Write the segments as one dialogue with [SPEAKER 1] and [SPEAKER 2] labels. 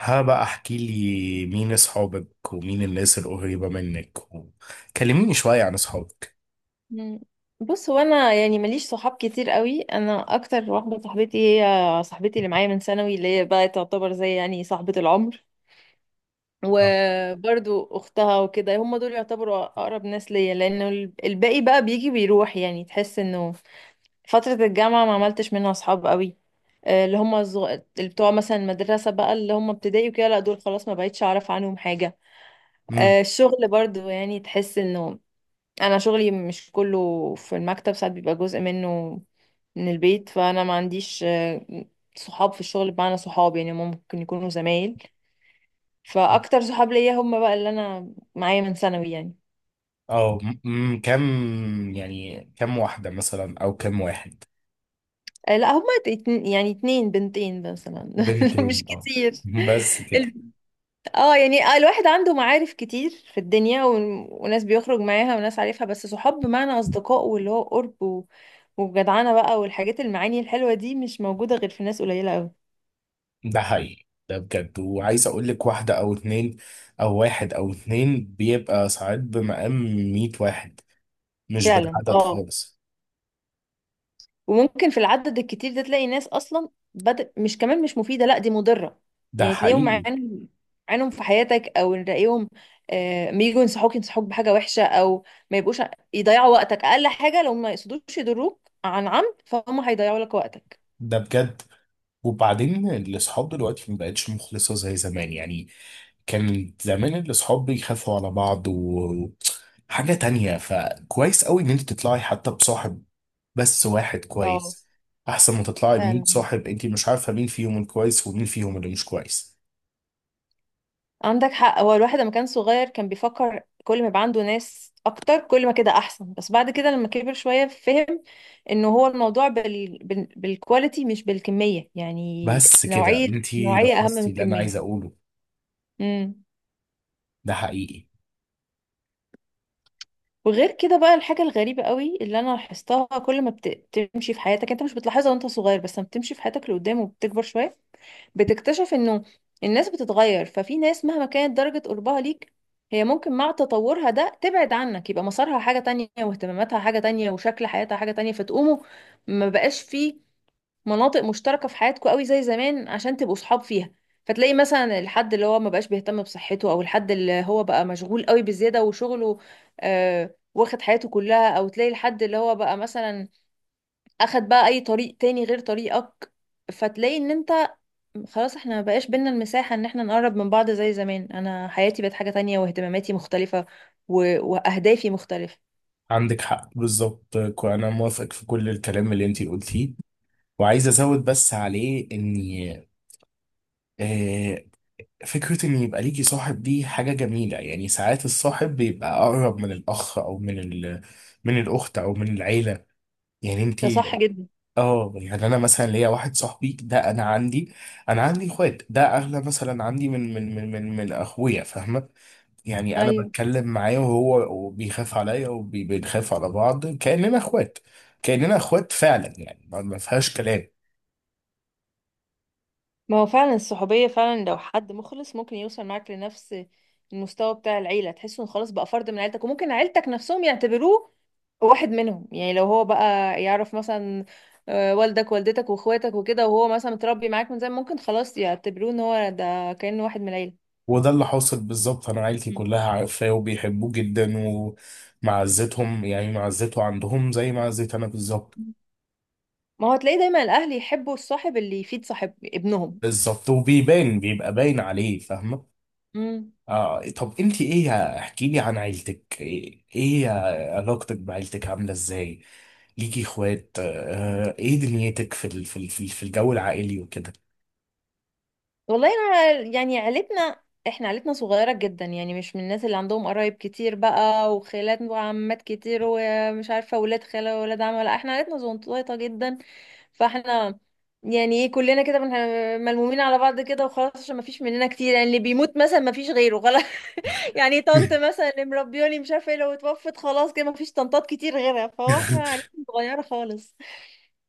[SPEAKER 1] ها بقى احكي لي مين اصحابك ومين الناس القريبة منك كلميني شوية عن اصحابك.
[SPEAKER 2] مم. بص، هو انا يعني ماليش صحاب كتير قوي. انا اكتر واحده صاحبتي، هي صاحبتي اللي معايا من ثانوي، اللي هي بقى تعتبر زي يعني صاحبه العمر، وبرضو اختها وكده. هم دول يعتبروا اقرب ناس ليا، لان الباقي بقى بيجي بيروح، يعني تحس انه فتره الجامعه ما عملتش منها صحاب قوي. آه، اللي هم الزغ... اللي بتوع مثلا المدرسه بقى، اللي هم ابتدائي وكده، لا دول خلاص ما بقتش اعرف عنهم حاجه.
[SPEAKER 1] امم
[SPEAKER 2] الشغل برضو يعني تحس انه انا شغلي مش كله في المكتب، ساعات بيبقى جزء منه من البيت، فانا ما عنديش صحاب في الشغل، بمعنى صحاب يعني ممكن يكونوا زمايل. فاكتر صحاب ليا هم بقى اللي انا معايا من ثانوي يعني.
[SPEAKER 1] اه، كم؟ يعني كم واحدة مثلا او كم واحد؟
[SPEAKER 2] لا هم يعني 2 بنتين مثلا. مش
[SPEAKER 1] بنتين، اه.
[SPEAKER 2] كتير.
[SPEAKER 1] بس كده؟
[SPEAKER 2] ال- اه يعني الواحد عنده معارف كتير في الدنيا وناس بيخرج معاها وناس عارفها، بس صحاب بمعنى اصدقاء، واللي هو قرب وجدعانة بقى والحاجات المعاني الحلوة دي، مش موجودة غير في ناس قليلة قوي.
[SPEAKER 1] ده حقيقي، ده بجد. وعايز اقول لك واحدة او اتنين، او واحد او اتنين بيبقى ساعات بمقام 100 واحد. مش
[SPEAKER 2] فعلا
[SPEAKER 1] بالعدد
[SPEAKER 2] اه.
[SPEAKER 1] خالص.
[SPEAKER 2] وممكن في العدد الكتير ده تلاقي ناس اصلا بدأ مش كمان، مش مفيده، لا دي مضره.
[SPEAKER 1] ده
[SPEAKER 2] يعني تلاقيهم
[SPEAKER 1] حقيقي،
[SPEAKER 2] عينهم في حياتك، او نلاقيهم. ما يجوا ينصحوك بحاجه وحشه، او ما يبقوش يضيعوا وقتك، اقل حاجه لو ما يقصدوش يضروك عن عمد، فهم هيضيعوا لك وقتك.
[SPEAKER 1] ده بجد. وبعدين الاصحاب دلوقتي ما بقتش مخلصة زي زمان يعني. كان زمان الاصحاب بيخافوا على بعض وحاجة تانية، فكويس قوي ان انت تطلعي حتى بصاحب، بس واحد
[SPEAKER 2] اه
[SPEAKER 1] كويس. احسن ما تطلعي ب
[SPEAKER 2] فعلا.
[SPEAKER 1] صاحب، انت مش عارفة مين فيهم الكويس ومين فيهم اللي مش كويس.
[SPEAKER 2] عندك حق، هو الواحد لما كان صغير كان بيفكر كل ما يبقى عنده ناس اكتر كل ما كده احسن، بس بعد كده لما كبر شوية فهم انه هو الموضوع بالكواليتي مش بالكمية يعني.
[SPEAKER 1] بس كده
[SPEAKER 2] نوعية.
[SPEAKER 1] انت
[SPEAKER 2] نوعية اهم من
[SPEAKER 1] لخصتي اللي انا
[SPEAKER 2] الكمية.
[SPEAKER 1] عايز اقوله.
[SPEAKER 2] امم.
[SPEAKER 1] ده حقيقي.
[SPEAKER 2] وغير كده بقى الحاجة الغريبة قوي اللي انا لاحظتها، كل ما بتمشي في حياتك، انت مش بتلاحظها وانت صغير، بس لما بتمشي في حياتك لقدام وبتكبر شوية بتكتشف انه الناس بتتغير. ففي ناس مهما كانت درجة قربها ليك، هي ممكن مع تطورها ده تبعد عنك، يبقى مسارها حاجة تانية واهتماماتها حاجة تانية وشكل حياتها حاجة تانية، فتقوموا ما بقاش في مناطق مشتركة في حياتكم قوي زي زمان عشان تبقوا صحاب فيها. فتلاقي مثلا الحد اللي هو ما بقاش بيهتم بصحته، او الحد اللي هو بقى مشغول قوي بزيادة وشغله، واخد حياته كلها، او تلاقي الحد اللي هو بقى مثلا اخد بقى اي طريق تاني غير طريقك. فتلاقي ان انت خلاص احنا ما بقاش بينا المساحة ان احنا نقرب من بعض زي زمان، انا حياتي بقت حاجة تانية واهتماماتي مختلفة و... واهدافي مختلفة.
[SPEAKER 1] عندك حق بالظبط. انا موافقك في كل الكلام اللي انت قلتيه، وعايز ازود بس عليه اني آه، فكرة إن يبقى ليكي صاحب دي حاجة جميلة. يعني ساعات الصاحب بيبقى أقرب من الأخ أو من من الأخت أو من العيلة، يعني
[SPEAKER 2] ده صح
[SPEAKER 1] أنتي.
[SPEAKER 2] جدا.
[SPEAKER 1] آه، يعني أنا مثلا ليا واحد صاحبي ده. أنا عندي، أنا عندي إخوات، ده أغلى مثلا عندي من أخويا، فاهمة؟ يعني أنا
[SPEAKER 2] ايوه.
[SPEAKER 1] بتكلم معاه وهو بيخاف عليا وبنخاف على بعض كأننا إخوات، كأننا إخوات فعلا. يعني ما فيهاش كلام.
[SPEAKER 2] ما هو فعلا الصحوبية، فعلا لو حد مخلص ممكن يوصل معاك لنفس المستوى بتاع العيلة، تحس انه خلاص بقى فرد من عيلتك، وممكن عيلتك نفسهم يعتبروه واحد منهم. يعني لو هو بقى يعرف مثلا والدك والدتك واخواتك وكده، وهو مثلا متربي معاك من زمان، ممكن خلاص يعتبروه ان هو ده كأنه واحد من العيلة.
[SPEAKER 1] وده اللي حاصل بالظبط، انا عيلتي
[SPEAKER 2] مم.
[SPEAKER 1] كلها عارفاه وبيحبوه جدا. ومعزتهم يعني معزته عندهم زي معزتي انا بالظبط.
[SPEAKER 2] ما هو تلاقي دايما الاهل يحبوا الصاحب اللي يفيد صاحب ابنهم.
[SPEAKER 1] بالظبط. وبيبان، بيبقى باين عليه، فاهمه.
[SPEAKER 2] مم.
[SPEAKER 1] آه، طب انت ايه؟ احكي لي عن عيلتك. إيه علاقتك بعيلتك عامله ازاي؟ ليكي اخوات؟ آه، ايه دنيتك في ال- في ال- في في الجو العائلي وكده؟
[SPEAKER 2] والله انا يعني عيلتنا، احنا عيلتنا صغيرة جدا، يعني مش من الناس اللي عندهم قرايب كتير بقى وخالات وعمات كتير، ومش عارفة ولاد خالة وولاد عم. لا احنا عيلتنا زنطوطة جدا. فاحنا يعني ايه، كلنا كده ملمومين على بعض كده وخلاص، عشان ما فيش مننا كتير، يعني اللي بيموت مثلا ما فيش غيره خلاص. يعني طنط مثلا اللي مربياني مش عارفه ايه، لو اتوفت خلاص كده ما فيش طنطات كتير غيرها. فهو احنا عيلتنا صغيره خالص.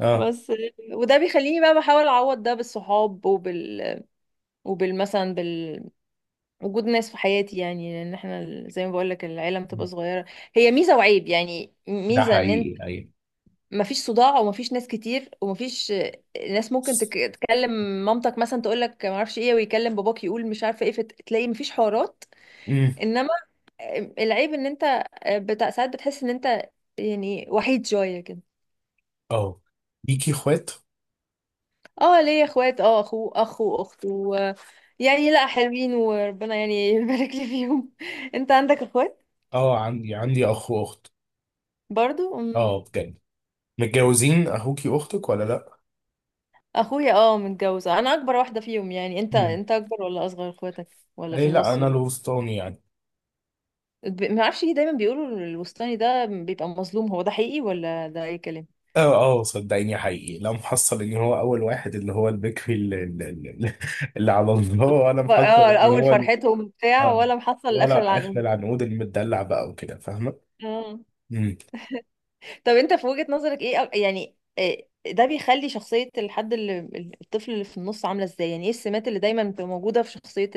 [SPEAKER 1] اه،
[SPEAKER 2] بس. وده بيخليني بقى بحاول اعوض ده بالصحاب وبال وبال مثلا بال وجود ناس في حياتي، يعني لان احنا زي ما بقول لك العيله بتبقى صغيره. هي ميزه وعيب. يعني
[SPEAKER 1] ده
[SPEAKER 2] ميزه ان
[SPEAKER 1] حقيقي، ايوه.
[SPEAKER 2] مفيش صداع، ومفيش ناس كتير، ومفيش ناس ممكن تكلم مامتك مثلا تقول لك ما اعرفش ايه، ويكلم باباك يقول مش عارفه ايه، فتلاقي مفيش حوارات.
[SPEAKER 1] امم
[SPEAKER 2] انما العيب ان انت بتاع ساعات بتحس ان انت يعني وحيد شويه كده.
[SPEAKER 1] اه، ليكي اخوات.
[SPEAKER 2] اه ليا اخوات، اه اخ واخت يعني لا حلوين، وربنا يعني يبارك لي فيهم. انت عندك اخوات؟
[SPEAKER 1] اه، عندي اخ واخت.
[SPEAKER 2] برضو أمم.
[SPEAKER 1] اه، بجد. متجوزين اخوكي واختك ولا لا؟
[SPEAKER 2] اخويا اه متجوزه، انا اكبر واحده فيهم. يعني انت
[SPEAKER 1] مم.
[SPEAKER 2] انت اكبر ولا اصغر اخواتك، ولا في
[SPEAKER 1] اي لا،
[SPEAKER 2] النص
[SPEAKER 1] انا
[SPEAKER 2] ولا؟
[SPEAKER 1] الوسطاني يعني.
[SPEAKER 2] ما اعرفش ليه دايما بيقولوا الوسطاني ده بيبقى مظلوم، هو ده حقيقي ولا ده اي كلام؟
[SPEAKER 1] اه اه صدقيني، حقيقي لا، محصل ان هو اول واحد، اللي هو البكري، اللي على الله، ولا
[SPEAKER 2] اه
[SPEAKER 1] محصل ان
[SPEAKER 2] اول
[SPEAKER 1] هو
[SPEAKER 2] فرحتهم بتاع
[SPEAKER 1] اه،
[SPEAKER 2] ولا محصل لاخر
[SPEAKER 1] ولا احنا
[SPEAKER 2] العنقود؟
[SPEAKER 1] العنقود المدلع بقى وكده، فاهمه.
[SPEAKER 2] اه.
[SPEAKER 1] مم.
[SPEAKER 2] طب انت في وجهة نظرك ايه، يعني إيه ده بيخلي شخصية الحد اللي الطفل اللي في النص عاملة ازاي، يعني ايه السمات اللي دايما بتبقى موجودة في شخصية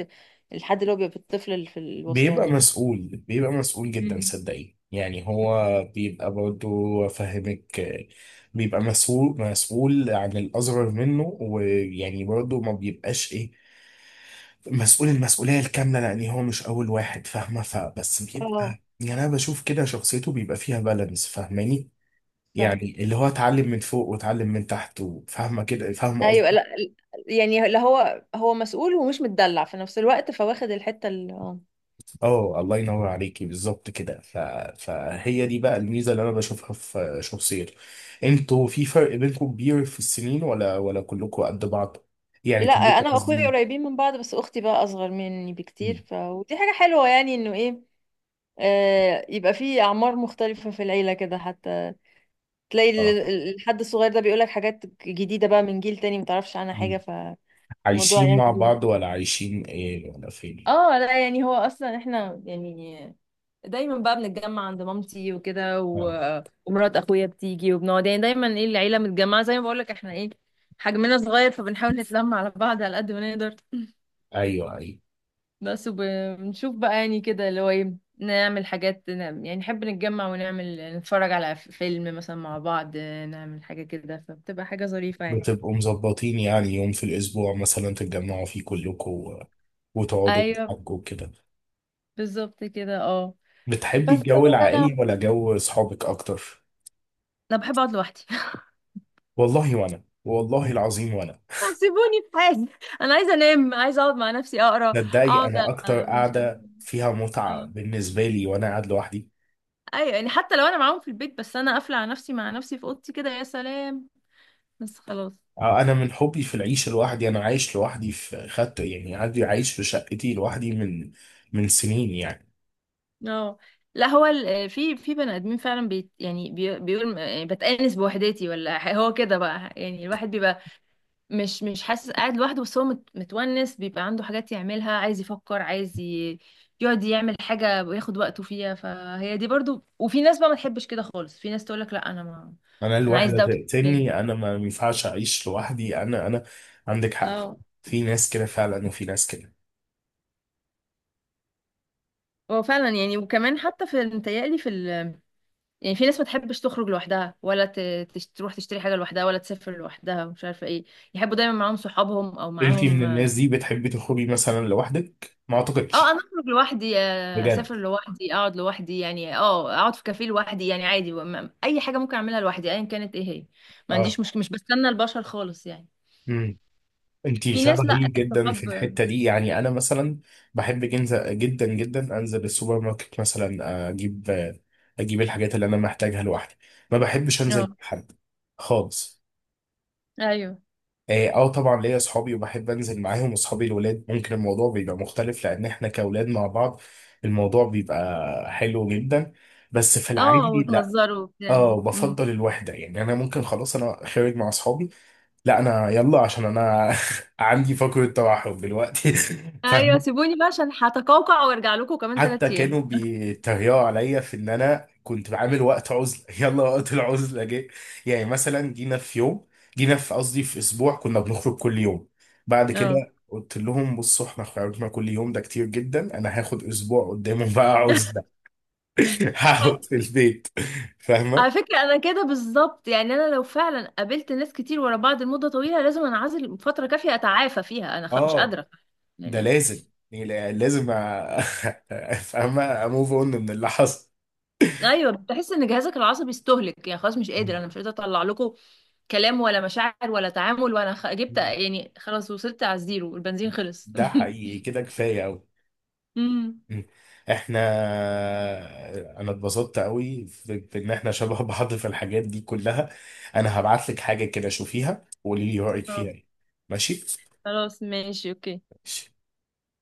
[SPEAKER 2] الحد اللي هو بيبقى الطفل اللي في
[SPEAKER 1] بيبقى
[SPEAKER 2] الوسطاني ده؟
[SPEAKER 1] مسؤول، بيبقى مسؤول جدا
[SPEAKER 2] مم.
[SPEAKER 1] صدقيني. يعني هو بيبقى برضه، فاهمك، آه، بيبقى مسؤول، مسؤول عن الأصغر منه، ويعني برضه ما بيبقاش إيه مسؤول المسؤولية الكاملة لأن هو مش أول واحد، فاهمة؟ فبس بيبقى،
[SPEAKER 2] اه
[SPEAKER 1] يعني أنا بشوف كده شخصيته بيبقى فيها بالانس، فاهماني؟
[SPEAKER 2] صح.
[SPEAKER 1] يعني اللي هو اتعلم من فوق واتعلم من تحت، وفاهمة كده، فاهمة
[SPEAKER 2] ايوه.
[SPEAKER 1] قصدي.
[SPEAKER 2] لا يعني لا هو مسؤول ومش متدلع في نفس الوقت، فواخد الحتة اللي.
[SPEAKER 1] اه، الله ينور عليكي، بالظبط كده. فهي دي بقى الميزة اللي أنا بشوفها في شخصيته. انتوا في فرق بينكم كبير في السنين ولا كلكم قد بعض؟ يعني
[SPEAKER 2] لا
[SPEAKER 1] كلكم
[SPEAKER 2] انا واخويا
[SPEAKER 1] قصدي.
[SPEAKER 2] قريبين من بعض، بس اختي بقى اصغر مني
[SPEAKER 1] مم.
[SPEAKER 2] بكتير، ف ودي حاجه حلوه يعني انه ايه، يبقى في اعمار مختلفه في العيله كده، حتى تلاقي
[SPEAKER 1] اه.
[SPEAKER 2] الحد الصغير ده بيقولك حاجات جديده بقى من جيل تاني متعرفش عنها حاجه،
[SPEAKER 1] مم.
[SPEAKER 2] فالموضوع
[SPEAKER 1] عايشين
[SPEAKER 2] يعني
[SPEAKER 1] مع
[SPEAKER 2] جديد.
[SPEAKER 1] بعض ولا عايشين ايه ولا فين؟
[SPEAKER 2] اه لا يعني هو اصلا احنا يعني دايما بقى بنتجمع عند مامتي وكده
[SPEAKER 1] اه،
[SPEAKER 2] ومرات اخويا بتيجي وبنقعد، يعني دايما ايه العيله متجمعه، زي ما بقولك احنا ايه حجمنا صغير فبنحاول نتلم على بعض على قد ما نقدر.
[SPEAKER 1] ايوه، ايوه.
[SPEAKER 2] بس. وبنشوف بقى يعني كده اللي هو ايه، نعمل حاجات، نعمل يعني نحب نتجمع ونعمل نتفرج على فيلم مثلا مع بعض، نعمل حاجة كده، فبتبقى حاجة ظريفة يعني.
[SPEAKER 1] بتبقوا مظبطين يعني يوم في الأسبوع مثلا تتجمعوا فيه كلكم وتقعدوا
[SPEAKER 2] ايوه
[SPEAKER 1] وتحكوا كده؟
[SPEAKER 2] بالظبط كده اه.
[SPEAKER 1] بتحبي
[SPEAKER 2] بس
[SPEAKER 1] الجو
[SPEAKER 2] طبعا
[SPEAKER 1] العائلي
[SPEAKER 2] انا
[SPEAKER 1] ولا جو أصحابك أكتر؟
[SPEAKER 2] انا بحب اقعد لوحدي.
[SPEAKER 1] والله وأنا، والله العظيم وأنا.
[SPEAKER 2] سيبوني في حالي، انا عايزه انام، عايزه اقعد مع نفسي اقرا.
[SPEAKER 1] تصدقي
[SPEAKER 2] اقعد
[SPEAKER 1] أنا أكتر
[SPEAKER 2] من شهر.
[SPEAKER 1] قاعدة فيها
[SPEAKER 2] اه.
[SPEAKER 1] متعة بالنسبة لي وأنا قاعد لوحدي.
[SPEAKER 2] ايوه يعني حتى لو انا معاهم في البيت، بس انا قافله على نفسي مع نفسي في اوضتي كده يا سلام. بس خلاص.
[SPEAKER 1] آه، أنا من حبي في العيش لوحدي أنا عايش لوحدي. في خدت يعني، عندي عايش في شقتي لوحدي من سنين يعني.
[SPEAKER 2] اه لا هو في بني ادمين فعلا بي يعني بي بيقول يعني بتأنس بوحدتي، ولا هو كده بقى، يعني الواحد بيبقى مش حاسس قاعد لوحده، بس هو متونس، بيبقى عنده حاجات يعملها، عايز يفكر، عايز يقعد يعمل حاجة وياخد وقته فيها. فهي دي برضو. وفي ناس بقى ما تحبش كده خالص، في ناس تقولك لا انا ما.
[SPEAKER 1] انا
[SPEAKER 2] انا عايز
[SPEAKER 1] الوحده
[SPEAKER 2] دوشة شوية.
[SPEAKER 1] تقتلني، انا ما ينفعش اعيش لوحدي، انا. عندك حق.
[SPEAKER 2] اه.
[SPEAKER 1] في ناس كده فعلا، وفي ناس كده.
[SPEAKER 2] هو فعلا يعني، وكمان حتى في متهيألي في يعني في ناس ما تحبش تخرج لوحدها، ولا تروح تشتري حاجة لوحدها، ولا تسافر لوحدها، ومش عارفة ايه، يحبوا دايما معاهم صحابهم او
[SPEAKER 1] انتي من
[SPEAKER 2] معاهم.
[SPEAKER 1] الناس دي بتحبي تخرجي مثلا لوحدك، ما
[SPEAKER 2] اه
[SPEAKER 1] اعتقدش.
[SPEAKER 2] انا اخرج لوحدي،
[SPEAKER 1] بجد.
[SPEAKER 2] اسافر لوحدي، اقعد لوحدي، يعني اه اقعد في كافيه لوحدي يعني عادي، اي حاجة ممكن اعملها لوحدي ايا كانت ايه هي. ما
[SPEAKER 1] اه.
[SPEAKER 2] عنديش مشكلة، مش بستنى البشر خالص يعني.
[SPEAKER 1] امم. انتي
[SPEAKER 2] في ناس، لا
[SPEAKER 1] شبهي جدا في
[SPEAKER 2] الصحاب.
[SPEAKER 1] الحته دي يعني. انا مثلا بحب جدا جدا انزل السوبر ماركت مثلا، اجيب الحاجات اللي انا محتاجها لوحدي. ما بحبش انزل
[SPEAKER 2] اه
[SPEAKER 1] مع حد خالص.
[SPEAKER 2] ايوه.
[SPEAKER 1] اه، آه، طبعا ليا اصحابي وبحب انزل معاهم. واصحابي الولاد ممكن الموضوع بيبقى مختلف لان احنا كاولاد مع بعض الموضوع بيبقى حلو جدا. بس في
[SPEAKER 2] اه
[SPEAKER 1] العادي لا.
[SPEAKER 2] وتهزروا وبتاع.
[SPEAKER 1] اه،
[SPEAKER 2] مم.
[SPEAKER 1] بفضل الوحده يعني. انا ممكن خلاص انا خارج مع اصحابي، لا انا يلا عشان انا عندي فقره توحد دلوقتي.
[SPEAKER 2] ايوه
[SPEAKER 1] فاهم؟
[SPEAKER 2] سيبوني بقى عشان هتقوقع وارجع لكم كمان
[SPEAKER 1] حتى
[SPEAKER 2] 3 ايام.
[SPEAKER 1] كانوا بيتريقوا عليا في ان انا كنت بعمل وقت عزله. يلا وقت العزله جه. يعني مثلا جينا في يوم، جينا في قصدي في اسبوع، كنا بنخرج كل يوم. بعد
[SPEAKER 2] اه.
[SPEAKER 1] كده قلت لهم بصوا احنا خرجنا كل يوم ده كتير جدا، انا هاخد اسبوع قدامهم بقى عزله. هقعد في البيت، فاهمه.
[SPEAKER 2] على فكرة أنا كده بالظبط، يعني أنا لو فعلا قابلت ناس كتير ورا بعض لمدة طويلة لازم أنعزل فترة كافية أتعافى فيها، مش
[SPEAKER 1] اه،
[SPEAKER 2] قادرة
[SPEAKER 1] ده
[SPEAKER 2] يعني.
[SPEAKER 1] لازم، يعني لازم فاهمه، اموف اون من اللي حصل.
[SPEAKER 2] أيوه بتحس إن جهازك العصبي استهلك، يعني خلاص مش قادر، أنا مش قادرة أطلع لكم كلام ولا مشاعر ولا تعامل، جبت يعني، خلاص وصلت على الزيرو، البنزين خلص.
[SPEAKER 1] ده حقيقي، كده كفايه قوي.
[SPEAKER 2] أمم.
[SPEAKER 1] مم. احنا، انا اتبسطت قوي بان احنا شبه بعض في الحاجات دي كلها. انا هبعت لك حاجة كده، شوفيها وقولي لي رأيك
[SPEAKER 2] آه،
[SPEAKER 1] فيها ايه. ماشي.
[SPEAKER 2] خلاص ماشي أوكي.
[SPEAKER 1] ماشي.